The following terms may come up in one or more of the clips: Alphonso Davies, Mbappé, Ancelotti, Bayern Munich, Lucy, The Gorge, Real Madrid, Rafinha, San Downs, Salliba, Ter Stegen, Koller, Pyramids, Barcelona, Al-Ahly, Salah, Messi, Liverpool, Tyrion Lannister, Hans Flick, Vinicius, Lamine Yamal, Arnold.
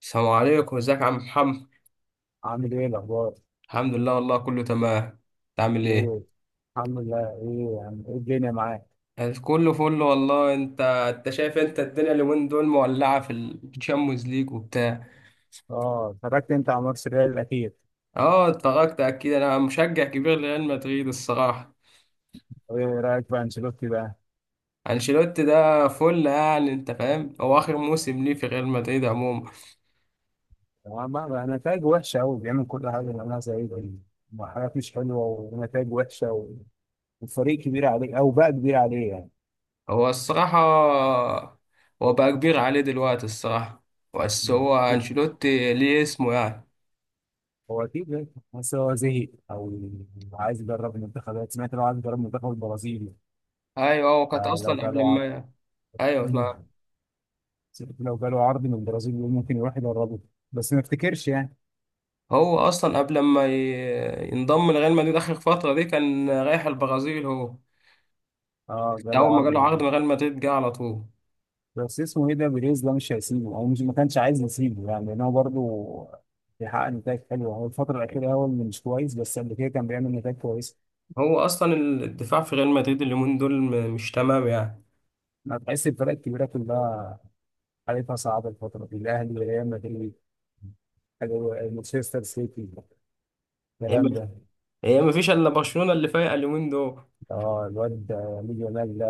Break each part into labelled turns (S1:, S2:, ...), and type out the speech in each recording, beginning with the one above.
S1: السلام عليكم، ازيك يا عم محمد؟
S2: عامل ايه الاخبار؟
S1: الحمد لله، والله كله تمام. انت عامل
S2: ايه
S1: ايه؟
S2: الحمد لله. ايه يعني، ايه الدنيا معاك؟
S1: أنا كله فل والله. انت شايف، انت الدنيا اليومين دول مولعه في الشامبيونز ليج وبتاع.
S2: اه اتفرجت انت على ماتش الريال الاخير.
S1: اه، اتفرجت اكيد، انا مشجع كبير لريال مدريد الصراحه.
S2: طب ايه رايك في انشيلوتي بقى؟
S1: انشيلوتي ده فل، يعني انت فاهم هو اخر موسم ليه في ريال مدريد عموما.
S2: طبعا، بقى نتائج وحشه قوي، بيعمل كل حاجه اللي عملها زي ده وحاجات مش حلوه ونتائج وحشه والفريق كبير عليه، او بقى كبير عليه يعني.
S1: هو الصراحه هو بقى كبير عليه دلوقتي الصراحه. بس
S2: مم.
S1: هو انشيلوتي ليه اسمه يعني.
S2: هو اكيد، بس هو زهق او عايز يدرب المنتخبات. سمعت لو عايز يدرب منتخب البرازيل.
S1: ايوه، هو كانت
S2: آه لو
S1: اصلا قبل
S2: جاله عرض.
S1: ما. ايوه،
S2: مم. سمعت لو جاله عرض من البرازيل يقول ممكن يروح يدربه، بس ما افتكرش يعني.
S1: هو اصلا قبل ما ينضم لريال مدريد، اخر فتره دي كان رايح البرازيل هو.
S2: اه جاله
S1: اول ما
S2: عرض
S1: جاله عقد
S2: جديد.
S1: من ريال مدريد جه على طول.
S2: بس اسمه ايه ده، بيريز ده مش هيسيبه، او مش ما كانش عايز يسيبه يعني، لان هو برضه بيحقق نتائج حلوه. هو الفتره الاخيره هو اللي مش كويس، بس قبل كده كان بيعمل نتائج كويسه.
S1: هو اصلا الدفاع في ريال مدريد اليومين دول مش تمام يعني.
S2: انا بحس الفرق الكبيره كلها حالتها صعبه الفتره دي، الاهلي، ريال مدريد، مانشستر سيتي،
S1: هي
S2: الكلام
S1: ما
S2: ده.
S1: هي ما فيش الا برشلونه اللي فايقه اليومين دول.
S2: اه الواد لامين يامال ده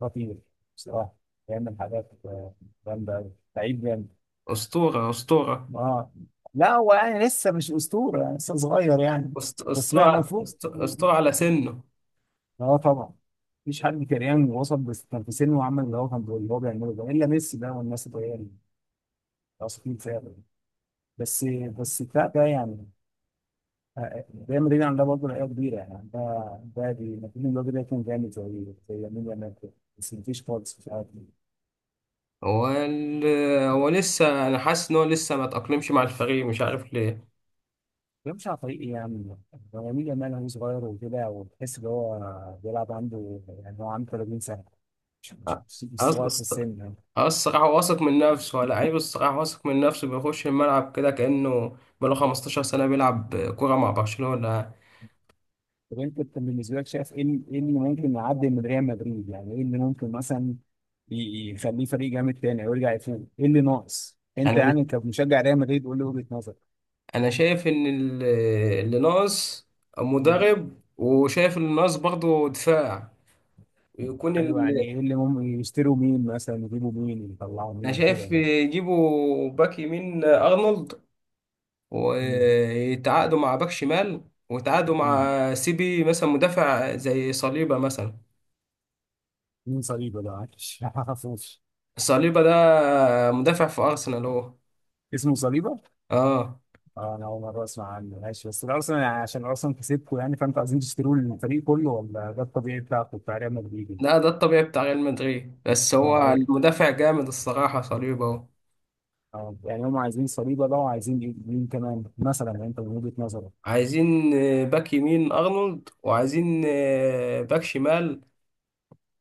S2: خطير بصراحه، بيعمل حاجات جامده أوي. لعيب جامد.
S1: اسطوره، اسطوره.
S2: اه، لا هو يعني لسه مش اسطوره يعني، لسه صغير يعني. بس ما
S1: اسطوره،
S2: المفروض،
S1: اسطوره على سنه.
S2: اه طبعا. مفيش حد كريان وصل بس كان في سنه وعمل اللي هو اللي هو بيعمله ده الا ميسي ده، والناس اللي هي الاصليين فعلا. بس بس بتاع ده يعني. آه، آه، ريال مدريد عندها برضه لعيبه كبيره يعني. ده دي مدريد الراجل ده كان جامد زي يمين يامال كده. بس مفيش خالص، مش عارف
S1: هو ال... هو لسه، انا حاسس ان هو لسه ما تاقلمش مع الفريق، مش عارف ليه.
S2: بيمشي على طريق ايه يعني. هو يمين يامال هو صغير وكده، وتحس ان هو بيلعب عنده يعني، هو عنده 30 سنه. مش صغير في
S1: أص-
S2: السن يعني.
S1: اه، الصراحة واثق من نفسه، لعيب، الصراحة واثق من نفسه، بيخش الملعب كده كأنه بقاله 15 سنة بيلعب كورة مع برشلونة.
S2: طب انت، بالنسبه لك شايف ايه ايه اللي ممكن يعدي من ريال مدريد؟ يعني ايه اللي ممكن مثلا يخليه فريق جامد تاني او يرجع يفوق؟ ايه اللي ناقص انت
S1: أنا
S2: يعني كمشجع ريال مدريد؟ قول لي وجهه نظرك.
S1: أنا شايف إن اللي ناقص
S2: مم.
S1: مدرب، وشايف اللي ناقص برضه دفاع. يكون ال...
S2: حلو، يعني ايه اللي ممكن يشتروا؟ مين مثلا يجيبوا؟ مين يطلعوا
S1: أنا
S2: مين كده
S1: شايف
S2: يعني؟
S1: يجيبوا باك يمين أرنولد،
S2: مم.
S1: ويتعاقدوا مع باك شمال، ويتعاقدوا
S2: مم.
S1: مع سيبي مثلا، مدافع زي صليبة مثلا.
S2: مين صليبه ده؟ معلش ما اعرفوش.
S1: صليبة ده مدافع في أرسنال هو.
S2: اسمه صليبه؟
S1: اه.
S2: اه، انا اول مره اسمع عنه، ماشي. بس الارسنال يعني، عشان ارسنال كسبكم يعني فانتوا عايزين تشتروا الفريق كله، ولا ده الطبيعي بتاعكم بتاع ريال مدريد يعني؟
S1: لا، ده الطبيعي بتاع ريال مدريد، بس هو
S2: إيه؟
S1: المدافع جامد الصراحة، صليبا اهو.
S2: يعني هم عايزين صليبه بقى، وعايزين مين كمان مثلا يعني انت من وجهه نظرك؟
S1: عايزين باك يمين أرنولد، وعايزين باك شمال.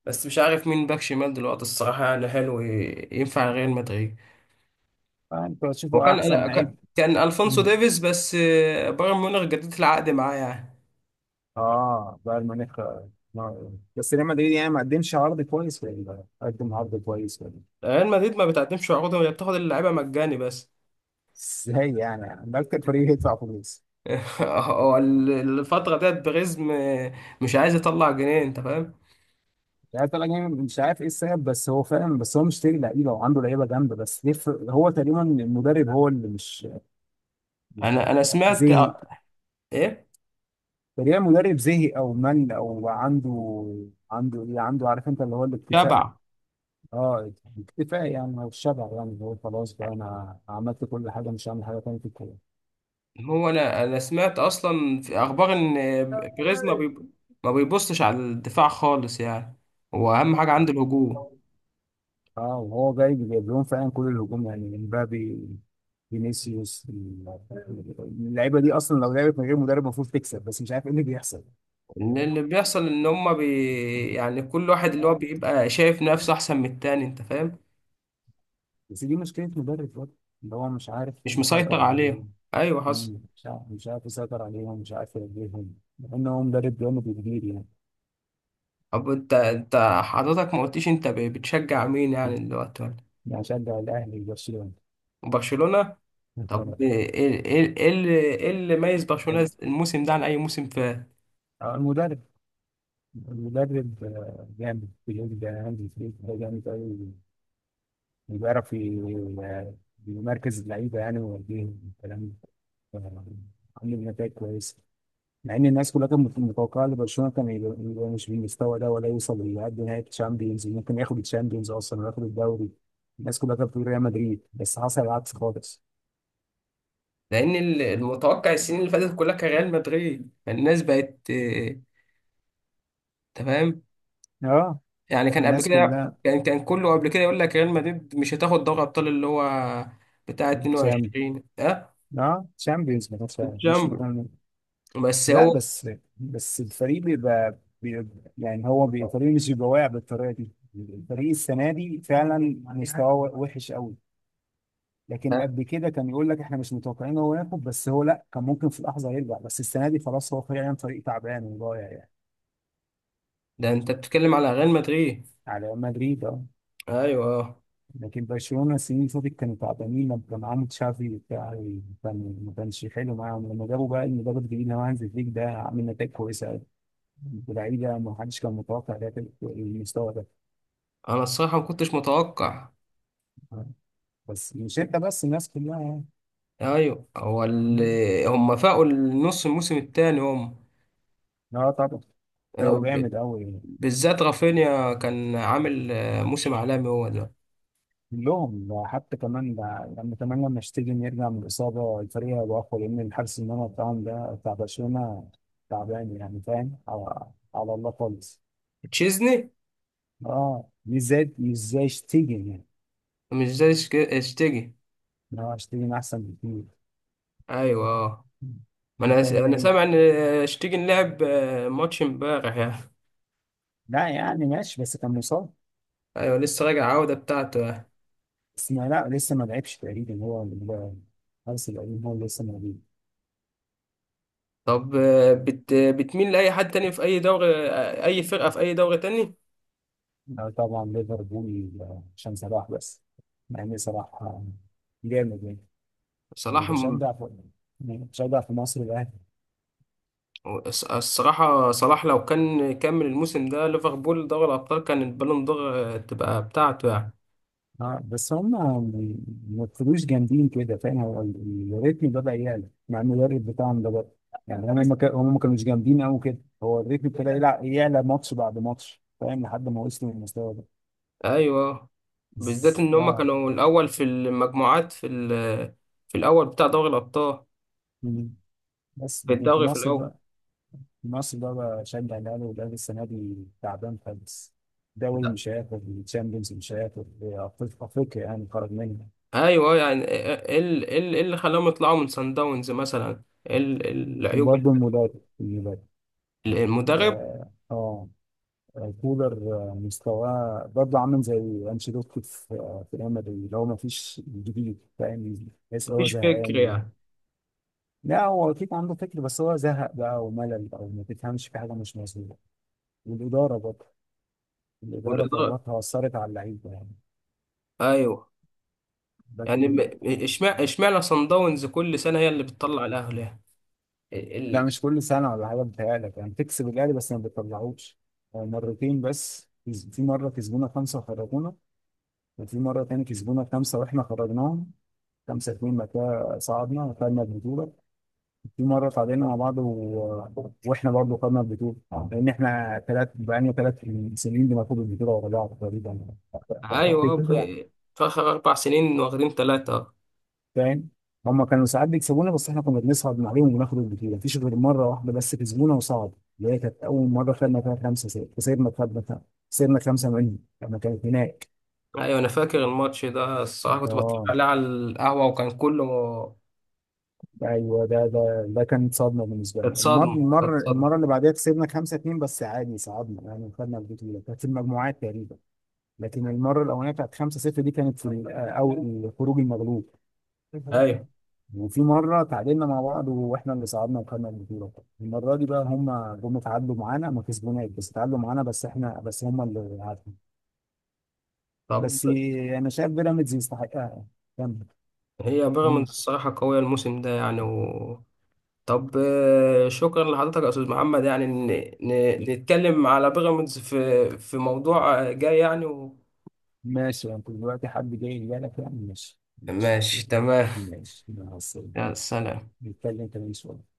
S1: بس مش عارف مين باك شمال دلوقتي الصراحة، يعني حلو ينفع ريال مدريد.
S2: فانتوا هتشوفوا احسن
S1: وكان كان
S2: لعيب.
S1: كان ألفونسو
S2: مم.
S1: ديفيز، بس بايرن ميونخ جددت العقد معاه يعني.
S2: اه بايرن ميونخ آه. بس ريال مدريد يعني ما قدمش عرض كويس، ولا قدم عرض كويس ولا؟
S1: ريال مدريد ما بتقدمش عروض، هي بتاخد اللعيبة مجاني بس.
S2: ازاي يعني؟ ده اكتر فريق يدفع فلوس.
S1: هو ال- الفترة ديت بريزم مش عايز يطلع جنيه، انت فاهم.
S2: مش عارف، طلع جامد، مش عارف ايه السبب، بس هو فعلا، بس هو مشتري لعيبه وعنده لعيبه جامده، بس ليه هو تقريبا المدرب هو اللي مش
S1: انا سمعت
S2: زهق.
S1: ايه.
S2: تقريبا المدرب زهق او مل، او عنده عنده ايه، عنده، عارف انت اللي هو الاكتفاء.
S1: تبع.
S2: اه اكتفاء يعني، او الشبع يعني، اللي هو خلاص بقى انا عملت كل حاجه، مش هعمل حاجه تانيه في
S1: هو انا سمعت اصلا في اخبار ان بريز
S2: الكوره.
S1: ما بيبصش على الدفاع خالص يعني. هو اهم حاجه عنده الهجوم.
S2: اه وهو جاي جايب لهم فعلا كل الهجوم يعني، امبابي، فينيسيوس، اللعيبه دي اصلا لو لعبت من غير مدرب المفروض تكسب، بس مش عارف ايه اللي بيحصل.
S1: ان اللي بيحصل ان يعني كل واحد اللي هو
S2: اه
S1: بيبقى شايف نفسه احسن من التاني، انت فاهم.
S2: بس دي مشكله مدرب برضه، ان هو مش عارف
S1: مش
S2: يسيطر
S1: مسيطر عليهم،
S2: عليهم.
S1: ايوه حصل.
S2: مم. مش عارف، مش عارف يسيطر عليهم، مش عارف يوجههم، مع ان هو مدرب جامد كبير يعني.
S1: طب انت حضرتك ما قلتيش انت بتشجع مين يعني دلوقتي ولا.
S2: يعني شجع الاهلي وبرشلونه
S1: برشلونه.
S2: الفرق.
S1: طب ايه ايه إيه، اللي ايه اللي ميز
S2: ال-
S1: برشلونه الموسم ده عن اي موسم في.
S2: المدرب. المدرب جامد، بيقول ده عندي فريق ده جامد قوي، بيعرف يمركز اللعيبه يعني ويوديهم الكلام ده. عامل نتائج كويسه، مع ان الناس كلها كانت متوقعه ان برشلونه كان يبقى مش بالمستوى ده، ولا يوصل لحد نهائي الشامبيونز. ممكن ياخد الشامبيونز اصلا وياخد الدوري. الناس كلها كانت بتقول ريال مدريد، بس حصل العكس خالص.
S1: لان المتوقع السنين اللي فاتت كلها كان ريال مدريد، فالناس بقت تمام.
S2: اه
S1: يعني كان قبل
S2: الناس
S1: كده،
S2: كلها.
S1: كان كله قبل كده يقول لك ريال مدريد مش هتاخد دوري ابطال اللي هو بتاع
S2: شام
S1: 22، اه،
S2: اه شامبيونز ما كانش مش
S1: الشامبيون.
S2: مكان.
S1: بس
S2: لا
S1: هو.
S2: بس، بس الفريق بيبقى بيبقى- يعني الفريق مش بيبقى واقع بالطريقه دي. الفريق السنه دي فعلا مستواه وحش قوي. لكن
S1: ده
S2: قبل كده كان يقول لك احنا مش متوقعين هو ياخد، بس هو لا كان ممكن في لحظه يرجع، بس السنه دي خلاص هو فعلا فريق تعبان وضايع يعني.
S1: ده انت بتتكلم على ريال مدريد.
S2: على مدريد اه.
S1: ايوه آه.
S2: لكن برشلونه السنين اللي فاتت كانوا تعبانين لما كان معاهم تشافي وبتاع، كان ما كانش حلو معاهم. لما جابوا بقى المدرب الجديد اللي هو هانز فليك ده، عامل نتائج كويسه قوي، ولاعيبه ما حدش كان متوقع ده المستوى ده.
S1: انا الصراحه ما كنتش متوقع.
S2: بس مش انت بس، الناس كلها يعني.
S1: ايوه،
S2: مم.
S1: هم فاقوا النص الموسم الثاني هم.
S2: لا طبعا،
S1: آه،
S2: بقوا
S1: ب-
S2: جامد قوي
S1: بالذات رافينيا كان عامل موسم عالمي هو ده.
S2: كلهم، حتى كمان ده. لما كمان لما اشتيجن يرجع من الإصابة الفريق هيبقى أقوى، لأن الحارس المرمى بتاعهم ده بتاع برشلونة تعبان يعني، فاهم، على, على الله خالص.
S1: تشيزني.
S2: اه مش زي، مش زي اشتيجن يعني.
S1: مش زي اشتيجي.
S2: اه اشتيجن أحسن بكتير.
S1: ايوه اه.
S2: مم.
S1: ما انا
S2: انت
S1: انا
S2: إيه؟
S1: سامع ان اشتيجي لعب ماتش امبارح يعني.
S2: لا يعني ماشي بس كان مصاب.
S1: ايوه لسه راجع عودة بتاعته يعني.
S2: بس ما، لا لسه ما لعبش تقريبا. الحارس القديم هو اللي لسه موجود.
S1: طب بتميل لاي حد تاني في اي دوري، اي فرقة في اي دوري تاني.
S2: طبعا ليفربول، عشان صلاح بس، مع ان صلاح جامد يعني.
S1: صلاح
S2: بشجع في، يعني بشجع في مصر الاهلي.
S1: الصراحة صلاح لو كان كمل الموسم ده ليفربول دوري الابطال، كان البالون دور تبقى بتاعته يعني.
S2: اه بس هم ما يبقوش جامدين كده، فاهم، الريتم بدأ يعلى مع المدرب بتاعهم ده بقى. يعني هم ما كا- هم ما كانوش جامدين قوي كده، هو الريتم ابتدى يعلى، ماتش بعد ماتش، فاهم، لحد ما وصلوا للمستوى ده.
S1: ايوه آه. بالذات ان هما
S2: اه
S1: كانوا الاول في المجموعات في الاول بتاع دوري الابطال.
S2: مم. بس
S1: في
S2: لكن في
S1: الدوري في
S2: مصر
S1: الاول.
S2: بقى. مصر بقى بشجع الاهلي، والاهلي السنه دي تعبان خالص. دوري مش هياخد، الشامبيونز مش هياخد، افريقيا يعني خرج منها.
S1: ايوه. أيوه، يعني ايه إيه، إيه ال- إيه ال- إيه اللي خلاهم يطلعوا من سان داونز مثلا. إيه العيوب
S2: وبرضه المدرب، المدرب
S1: المدرب.
S2: اه، كولر مستواه برضه عامل زي انشيلوتي في في ريال مدريد، اللي هو ما فيش جديد، فاهم، تحس ان هو
S1: مفيش فكر
S2: زهقان و-.
S1: يعني.
S2: لا هو اكيد عنده فكر، بس هو زهق بقى وملل، او ما تفهمش، في حاجه مش مظبوطه. والاداره برضه، الاداره
S1: والاداره.
S2: قراراتها اثرت على اللعيبه يعني.
S1: ايوه،
S2: ده
S1: يعني
S2: كله.
S1: اشمعنى سان داونز كل سنه هي اللي بتطلع الاهلي يعني. ال...
S2: لا
S1: ال-
S2: مش كل سنة ولا حاجة، بتهيألك يعني تكسب الأهلي بس ما بتطلعوش. هو مرتين بس في مرة كسبونا خمسة وخرجونا، وفي مرة تاني كسبونا خمسة وإحنا خرجناهم خمسة اتنين، بعد كده صعدنا وخدنا البطولة. في مرة تعادلنا مع بعض و... وإحنا برضه خدنا البطولة، لأن إحنا تلات، بقالنا تلات سنين بناخد البطولة ورا بعض
S1: ايوه
S2: تقريبا.
S1: في اخر 4 سنين واخدين ثلاثه.
S2: فاهم، هم كانوا ساعات بيكسبونا، بس احنا كنا بنصعد من عليهم وناخد البطوله. مفيش غير مره واحده بس كسبونا وصعد، اللي هي كانت اول مره خدنا فيها خمسه ست، كسبنا، خدنا، خسرنا خمسه منهم لما كانت هناك.
S1: ايوه انا فاكر الماتش ده الصراحه، كنت بتفرج
S2: اه
S1: عليه على القهوه، وكان كله.
S2: ايوه ده، ده كانت صدمه بالنسبه
S1: كانت
S2: لي.
S1: صدمه، كانت صدمه.
S2: المره اللي بعدها كسبنا خمسه اتنين، بس عادي صعدنا يعني، خدنا البطوله، كانت في المجموعات تقريبا. لكن المره الاولانيه بتاعت خمسه صفر دي كانت في او خروج المغلوب.
S1: ايوه.
S2: وفي مرة تعادلنا مع بعض واحنا اللي صعدنا وخدنا البطولة. المرة دي بقى هم جم تعادلوا معانا، ما كسبوناش بس تعادلوا معانا، بس احنا، بس هم اللي عادوا.
S1: طب
S2: بس انا شايف بيراميدز يستحقها يعني. كمل.
S1: هي
S2: مم.
S1: بيراميدز الصراحه قويه الموسم ده يعني. طب شكرا لحضرتك يا استاذ محمد. يعني نتكلم على بيراميدز في موضوع جاي يعني
S2: ماشي، انت دلوقتي حد جاي يجي لك يعني، ماشي ماشي.
S1: ماشي تمام.
S2: ماشي مع السلامة.
S1: يا سلام.
S2: نتكلم كمان شوية.